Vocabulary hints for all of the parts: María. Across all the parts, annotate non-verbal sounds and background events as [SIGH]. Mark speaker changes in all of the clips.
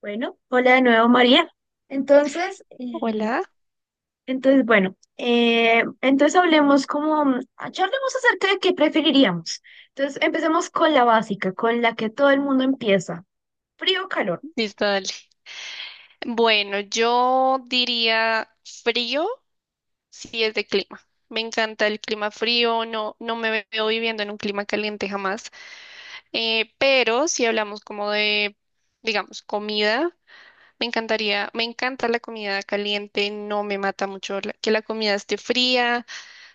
Speaker 1: Bueno, hola de nuevo María. Entonces, eh,
Speaker 2: Hola,
Speaker 1: entonces bueno, entonces hablemos charlemos acerca de qué preferiríamos. Entonces, empecemos con la básica, con la que todo el mundo empieza, frío o calor.
Speaker 2: listo, dale. Bueno, yo diría frío si es de clima. Me encanta el clima frío, no, no me veo viviendo en un clima caliente jamás. Pero si hablamos como de, digamos, comida, me encantaría, me encanta la comida caliente, no me mata mucho que la comida esté fría.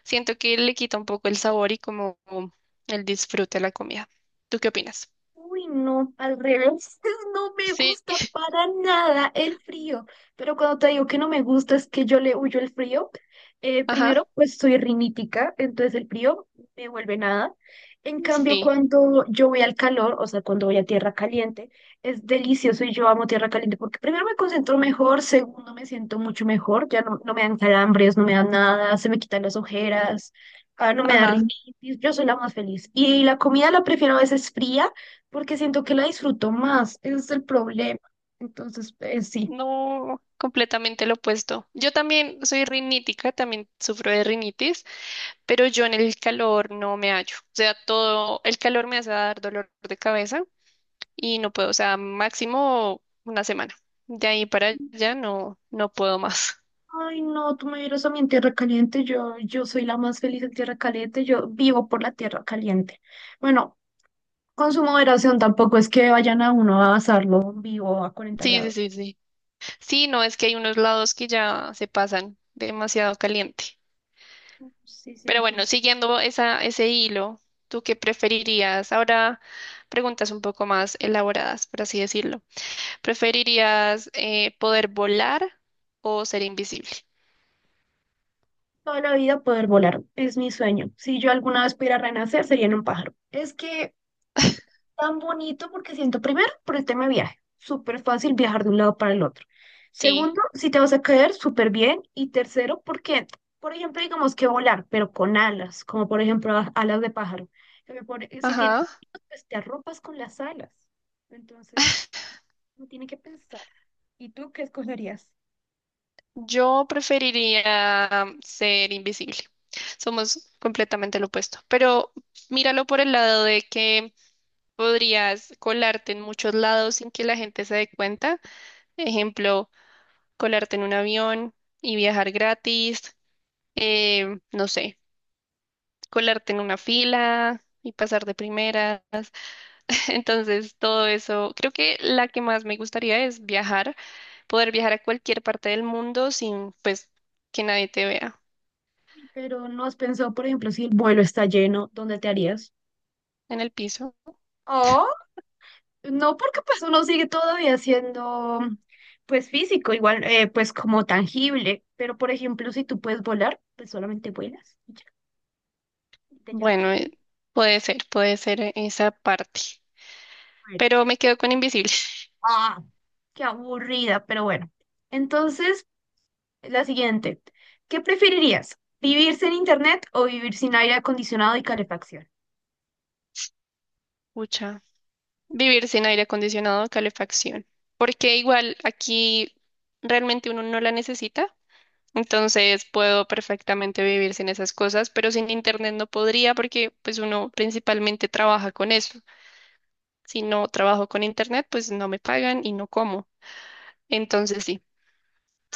Speaker 2: Siento que le quita un poco el sabor y como el disfrute de la comida. ¿Tú qué opinas?
Speaker 1: Uy, no, al revés, [LAUGHS] no me
Speaker 2: Sí,
Speaker 1: gusta para nada el frío, pero cuando te digo que no me gusta es que yo le huyo el frío.
Speaker 2: ajá,
Speaker 1: Primero, pues soy rinítica, entonces el frío me vuelve nada. En cambio,
Speaker 2: sí,
Speaker 1: cuando yo voy al calor, o sea, cuando voy a tierra caliente, es delicioso y yo amo tierra caliente porque primero me concentro mejor, segundo me siento mucho mejor, ya no, no me dan calambres, no me dan nada, se me quitan las ojeras, ah, no me da
Speaker 2: ajá.
Speaker 1: rinitis, yo soy la más feliz. Y la comida la prefiero a veces fría porque siento que la disfruto más, ese es el problema. Entonces, sí.
Speaker 2: No, completamente lo opuesto. Yo también soy rinítica, también sufro de rinitis, pero yo en el calor no me hallo. O sea, todo el calor me hace dar dolor de cabeza y no puedo, o sea, máximo una semana. De ahí para allá no, no puedo más. [LAUGHS]
Speaker 1: Ay, no, tú me vieras a mí en tierra caliente, yo soy la más feliz en tierra caliente, yo vivo por la tierra caliente. Bueno, con su moderación tampoco es que vayan a uno a asarlo vivo a 40
Speaker 2: Sí, sí,
Speaker 1: grados.
Speaker 2: sí, sí. Sí, no, es que hay unos lados que ya se pasan demasiado caliente.
Speaker 1: No, sí,
Speaker 2: Pero
Speaker 1: sentí.
Speaker 2: bueno, siguiendo ese hilo, ¿tú qué preferirías? Ahora preguntas un poco más elaboradas, por así decirlo. ¿Preferirías poder volar o ser invisible?
Speaker 1: Toda la vida poder volar es mi sueño. Si yo alguna vez pudiera renacer, sería en un pájaro. Es que tan bonito porque siento, primero, por el tema de viaje, súper fácil viajar de un lado para el otro.
Speaker 2: Sí,
Speaker 1: Segundo, si te vas a caer, súper bien. Y tercero, porque, por ejemplo, digamos que volar, pero con alas, como por ejemplo alas de pájaro. Si tienes,
Speaker 2: ajá.
Speaker 1: frío, pues te arropas con las alas. Entonces, no tiene que pensar. ¿Y tú qué escogerías?
Speaker 2: Yo preferiría ser invisible. Somos completamente lo opuesto. Pero míralo por el lado de que podrías colarte en muchos lados sin que la gente se dé cuenta. Ejemplo, colarte en un avión y viajar gratis. No sé, colarte en una fila y pasar de primera. [LAUGHS] Entonces, todo eso, creo que la que más me gustaría es viajar, poder viajar a cualquier parte del mundo sin, pues, que nadie te vea
Speaker 1: Uy, pero no has pensado, por ejemplo, si el vuelo está lleno, ¿dónde te harías?
Speaker 2: en el piso.
Speaker 1: No, porque pues uno sigue todavía siendo pues físico, igual pues como tangible, pero por ejemplo si tú puedes volar, pues solamente vuelas y ya, y te llevas tu...
Speaker 2: Bueno, puede ser esa parte,
Speaker 1: Bueno,
Speaker 2: pero me quedo con invisible. [LAUGHS]
Speaker 1: ah, qué aburrida, pero bueno. Entonces, la siguiente, ¿qué preferirías? ¿Vivir sin internet o vivir sin aire acondicionado y calefacción?
Speaker 2: Pucha, vivir sin aire acondicionado o calefacción, porque igual aquí realmente uno no la necesita, entonces puedo perfectamente vivir sin esas cosas, pero sin internet no podría porque pues uno principalmente trabaja con eso. Si no trabajo con internet, pues no me pagan y no como. Entonces sí,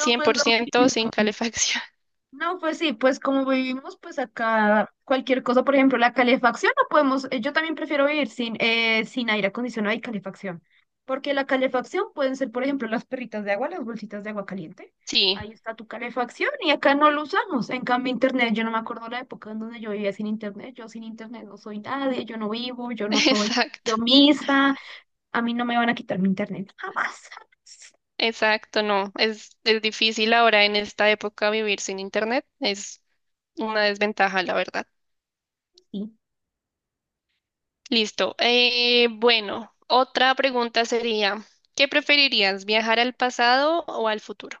Speaker 1: No, pues lo
Speaker 2: por ciento sin
Speaker 1: mismo.
Speaker 2: calefacción. [LAUGHS]
Speaker 1: No, pues sí, pues como vivimos, pues acá cualquier cosa, por ejemplo, la calefacción, no podemos, yo también prefiero vivir sin, sin aire acondicionado y calefacción, porque la calefacción pueden ser, por ejemplo, las perritas de agua, las bolsitas de agua caliente,
Speaker 2: Sí,
Speaker 1: ahí está tu calefacción y acá no lo usamos, en cambio internet, yo no me acuerdo la época en donde yo vivía sin internet, yo sin internet no soy nadie, yo no vivo, yo no
Speaker 2: [LAUGHS]
Speaker 1: soy
Speaker 2: exacto,
Speaker 1: yo misma, a mí no me van a quitar mi internet, jamás, jamás.
Speaker 2: exacto, no. Es difícil ahora en esta época vivir sin internet. Es una desventaja, la verdad.
Speaker 1: Sí.
Speaker 2: Listo. Bueno, otra pregunta sería, ¿qué preferirías, viajar al pasado o al futuro?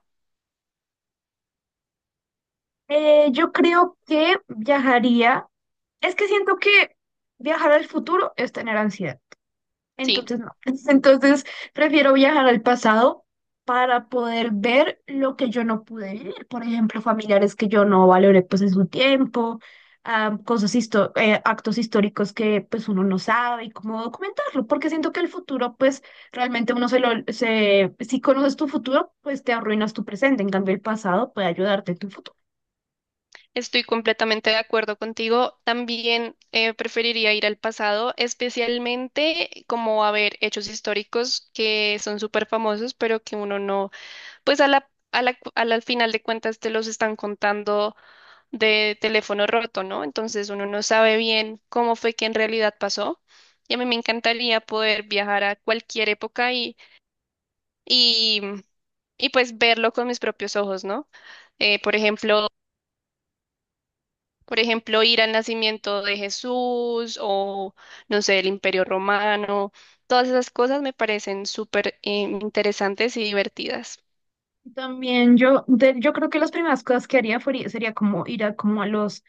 Speaker 1: Yo creo que viajaría. Es que siento que viajar al futuro es tener ansiedad.
Speaker 2: Sí.
Speaker 1: Entonces, no. [LAUGHS] Entonces, prefiero viajar al pasado para poder ver lo que yo no pude vivir. Por ejemplo, familiares que yo no valoré pues en su tiempo, ah, actos históricos que pues uno no sabe y cómo documentarlo. Porque siento que el futuro pues realmente uno se lo, se, si conoces tu futuro, pues te arruinas tu presente. En cambio, el pasado puede ayudarte en tu futuro.
Speaker 2: Estoy completamente de acuerdo contigo. También preferiría ir al pasado, especialmente como a ver hechos históricos que son súper famosos, pero que uno no, pues a la, cu- a la- al final de cuentas te los están contando de teléfono roto, ¿no? Entonces uno no sabe bien cómo fue que en realidad pasó. Y a mí me encantaría poder viajar a cualquier época y, y pues verlo con mis propios ojos, ¿no? Eh, por ejemplo, Por ejemplo, ir al nacimiento de Jesús o, no sé, el Imperio Romano. Todas esas cosas me parecen súper interesantes y divertidas.
Speaker 1: También yo, yo creo que las primeras cosas que haría sería como ir a como a los,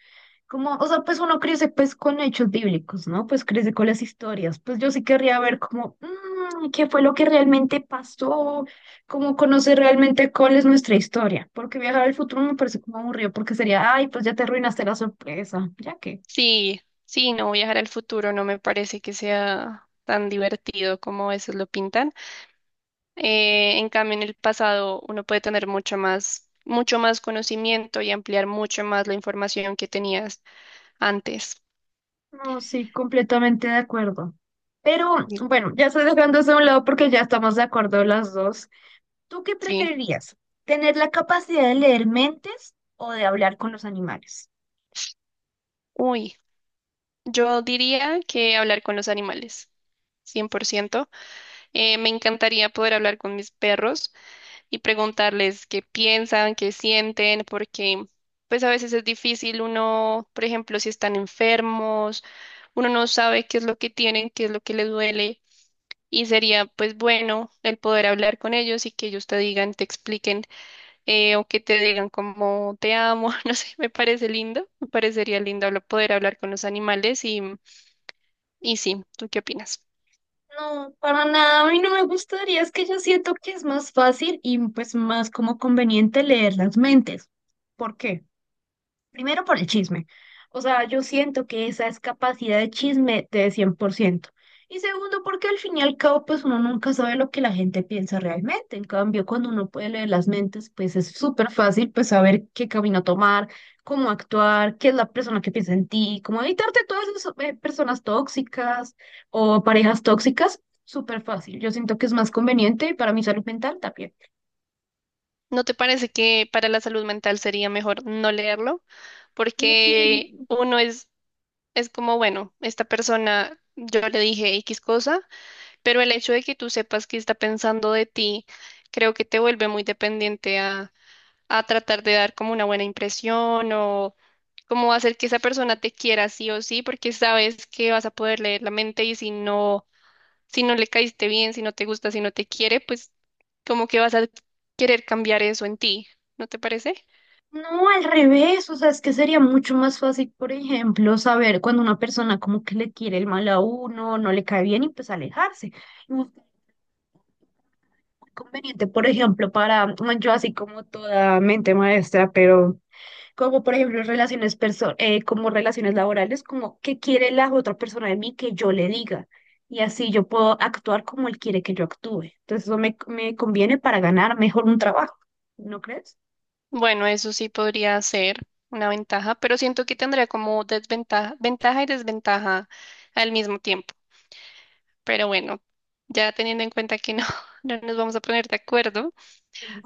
Speaker 1: como, o sea, pues uno crece pues con hechos bíblicos, ¿no? Pues crece con las historias. Pues yo sí querría ver qué fue lo que realmente pasó, como conocer realmente cuál es nuestra historia. Porque viajar al futuro me parece como aburrido, porque sería, ay, pues ya te arruinaste la sorpresa, ya que.
Speaker 2: Sí, sí, no viajar al futuro no me parece que sea tan divertido como a veces lo pintan. En cambio, en el pasado uno puede tener mucho más conocimiento y ampliar mucho más la información que tenías antes.
Speaker 1: No, sí, completamente de acuerdo. Pero
Speaker 2: Y-
Speaker 1: bueno, ya estoy dejando eso a un lado porque ya estamos de acuerdo las dos. ¿Tú qué
Speaker 2: Sí.
Speaker 1: preferirías? ¿Tener la capacidad de leer mentes o de hablar con los animales?
Speaker 2: Uy, yo diría que hablar con los animales, 100%. Me encantaría poder hablar con mis perros y preguntarles qué piensan, qué sienten, porque pues a veces es difícil uno, por ejemplo, si están enfermos, uno no sabe qué es lo que tienen, qué es lo que les duele y sería pues bueno el poder hablar con ellos y que ellos te digan, te expliquen o que te digan como te amo, [LAUGHS] no sé, me parece lindo, me parecería lindo poder hablar con los animales y sí, ¿tú qué opinas?
Speaker 1: No, para nada, a mí no me gustaría, es que yo siento que es más fácil y pues más como conveniente leer las mentes. ¿Por qué? Primero por el chisme. O sea, yo siento que esa es capacidad de chisme de 100%. Y segundo, porque al fin y al cabo, pues uno nunca sabe lo que la gente piensa realmente. En cambio, cuando uno puede leer las mentes, pues es súper fácil, pues saber qué camino tomar, cómo actuar, qué es la persona que piensa en ti, cómo evitarte todas esas personas tóxicas o parejas tóxicas. Súper fácil. Yo siento que es más conveniente para mi salud mental también.
Speaker 2: ¿No te parece que para la salud mental sería mejor no leerlo? Porque
Speaker 1: Mm,
Speaker 2: uno es como, bueno, esta persona, yo le dije X cosa, pero el hecho de que tú sepas qué está pensando de ti, creo que te vuelve muy dependiente a tratar de dar como una buena impresión o como hacer que esa persona te quiera sí o sí, porque sabes que vas a poder leer la mente y si no le caíste bien, si no te gusta, si no te quiere, pues como que vas a querer cambiar eso en ti, ¿no te parece?
Speaker 1: no, al revés, o sea, es que sería mucho más fácil, por ejemplo, saber cuando una persona como que le quiere el mal a uno, no le cae bien y pues alejarse. Y muy conveniente, por ejemplo, para bueno, yo así como toda mente maestra, pero como por ejemplo relaciones perso como relaciones laborales, como que quiere la otra persona de mí que yo le diga y así yo puedo actuar como él quiere que yo actúe. Entonces me conviene para ganar mejor un trabajo, ¿no crees?
Speaker 2: Bueno, eso sí podría ser una ventaja, pero siento que tendría como desventaja, ventaja y desventaja al mismo tiempo. Pero bueno, ya teniendo en cuenta que no, [LAUGHS] no nos vamos a poner de acuerdo,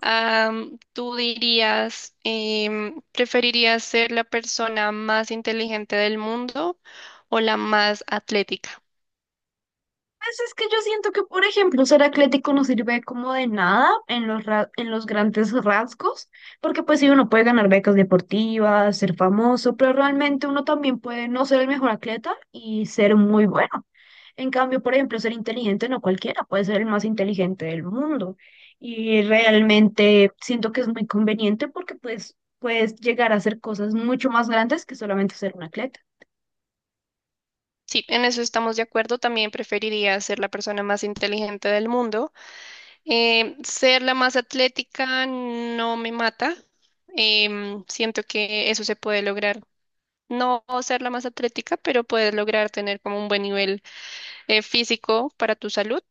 Speaker 2: am, ¿tú dirías, preferirías ser la persona más inteligente del mundo o la más atlética?
Speaker 1: Pues es que yo siento que, por ejemplo, ser atlético no sirve como de nada en en los grandes rasgos, porque pues sí, uno puede ganar becas deportivas, ser famoso, pero realmente uno también puede no ser el mejor atleta y ser muy bueno. En cambio, por ejemplo, ser inteligente no cualquiera, puede ser el más inteligente del mundo. Y realmente siento que es muy conveniente porque pues puedes llegar a hacer cosas mucho más grandes que solamente ser un atleta.
Speaker 2: Sí, en eso estamos de acuerdo. También preferiría ser la persona más inteligente del mundo. Ser la más atlética no me mata. Siento que eso se puede lograr. No ser la más atlética, pero puedes lograr tener como un buen nivel físico para tu salud.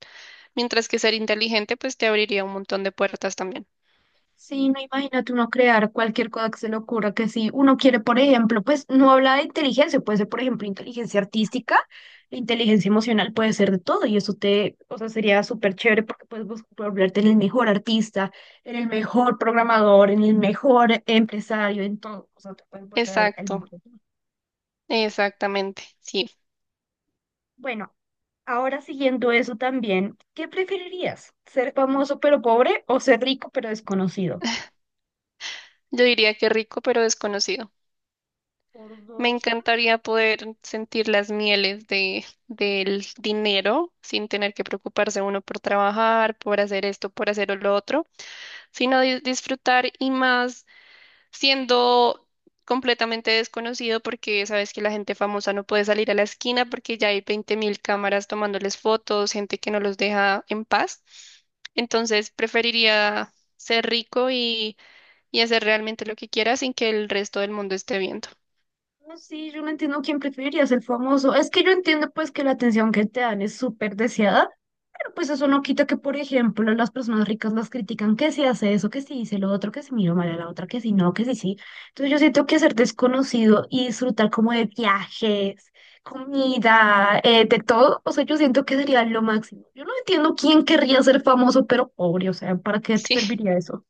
Speaker 2: Mientras que ser inteligente, pues te abriría un montón de puertas también.
Speaker 1: Sí, no imagínate uno crear cualquier cosa que se le ocurra, que si uno quiere, por ejemplo, pues no habla de inteligencia, puede ser, por ejemplo, inteligencia artística, inteligencia emocional, puede ser de todo, y eso te, o sea, sería súper chévere porque puedes volverte en el mejor artista, en el mejor programador, en el mejor empresario, en todo, o sea, te puedes volver el
Speaker 2: Exacto,
Speaker 1: mejor.
Speaker 2: exactamente. Sí,
Speaker 1: Bueno, ahora siguiendo eso también, ¿qué preferirías? ¿Ser famoso pero pobre o ser rico pero desconocido?
Speaker 2: yo diría que rico, pero desconocido.
Speaker 1: Por
Speaker 2: Me
Speaker 1: dos.
Speaker 2: encantaría poder sentir las mieles del dinero sin tener que preocuparse uno por trabajar, por hacer esto, por hacer lo otro, sino disfrutar y más siendo completamente desconocido porque sabes que la gente famosa no puede salir a la esquina porque ya hay 20.000 cámaras tomándoles fotos, gente que no los deja en paz. Entonces preferiría ser rico y hacer realmente lo que quiera sin que el resto del mundo esté viendo.
Speaker 1: No, sí, yo no entiendo quién preferiría ser famoso. Es que yo entiendo pues que la atención que te dan es súper deseada, pero pues eso no quita que, por ejemplo, las personas ricas las critican que si hace eso, que si dice lo otro, que si mira mal a la otra, que si no, que si sí. Entonces yo siento que ser desconocido y disfrutar como de viajes, comida, de todo, o sea, yo siento que sería lo máximo. Yo no entiendo quién querría ser famoso, pero pobre, o sea, ¿para qué te
Speaker 2: [LAUGHS]
Speaker 1: serviría eso?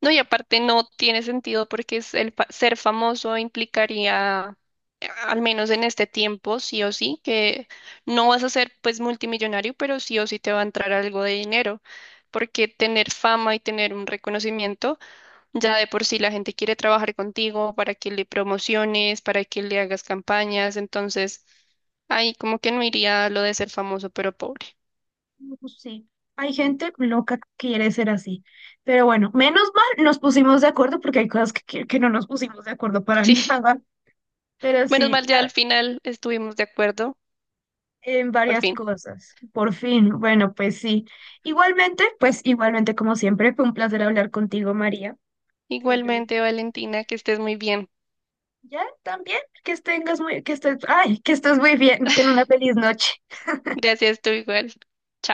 Speaker 2: No, y aparte no tiene sentido porque es ser famoso implicaría, al menos en este tiempo, sí o sí, que no vas a ser pues multimillonario, pero sí o sí te va a entrar algo de dinero, porque tener fama y tener un reconocimiento, ya de por sí la gente quiere trabajar contigo para que le promociones, para que le hagas campañas, entonces ahí como que no iría lo de ser famoso pero pobre.
Speaker 1: No, pues sí, hay gente loca que quiere ser así. Pero bueno, menos mal nos pusimos de acuerdo porque hay cosas que no nos pusimos de acuerdo para [LAUGHS]
Speaker 2: [LAUGHS] Sí,
Speaker 1: nada. Pero
Speaker 2: menos
Speaker 1: sí,
Speaker 2: mal ya
Speaker 1: ya,
Speaker 2: al final estuvimos de acuerdo,
Speaker 1: en
Speaker 2: por
Speaker 1: varias
Speaker 2: fin.
Speaker 1: cosas. Por fin, bueno, pues sí. Igualmente, pues igualmente como siempre, fue un placer hablar contigo, María. Siempre me
Speaker 2: Igualmente,
Speaker 1: gusta.
Speaker 2: Valentina, que estés muy bien.
Speaker 1: Ya, también, que estés, ay, que estés muy bien. Ten
Speaker 2: [LAUGHS]
Speaker 1: una feliz noche.
Speaker 2: Gracias, tú igual.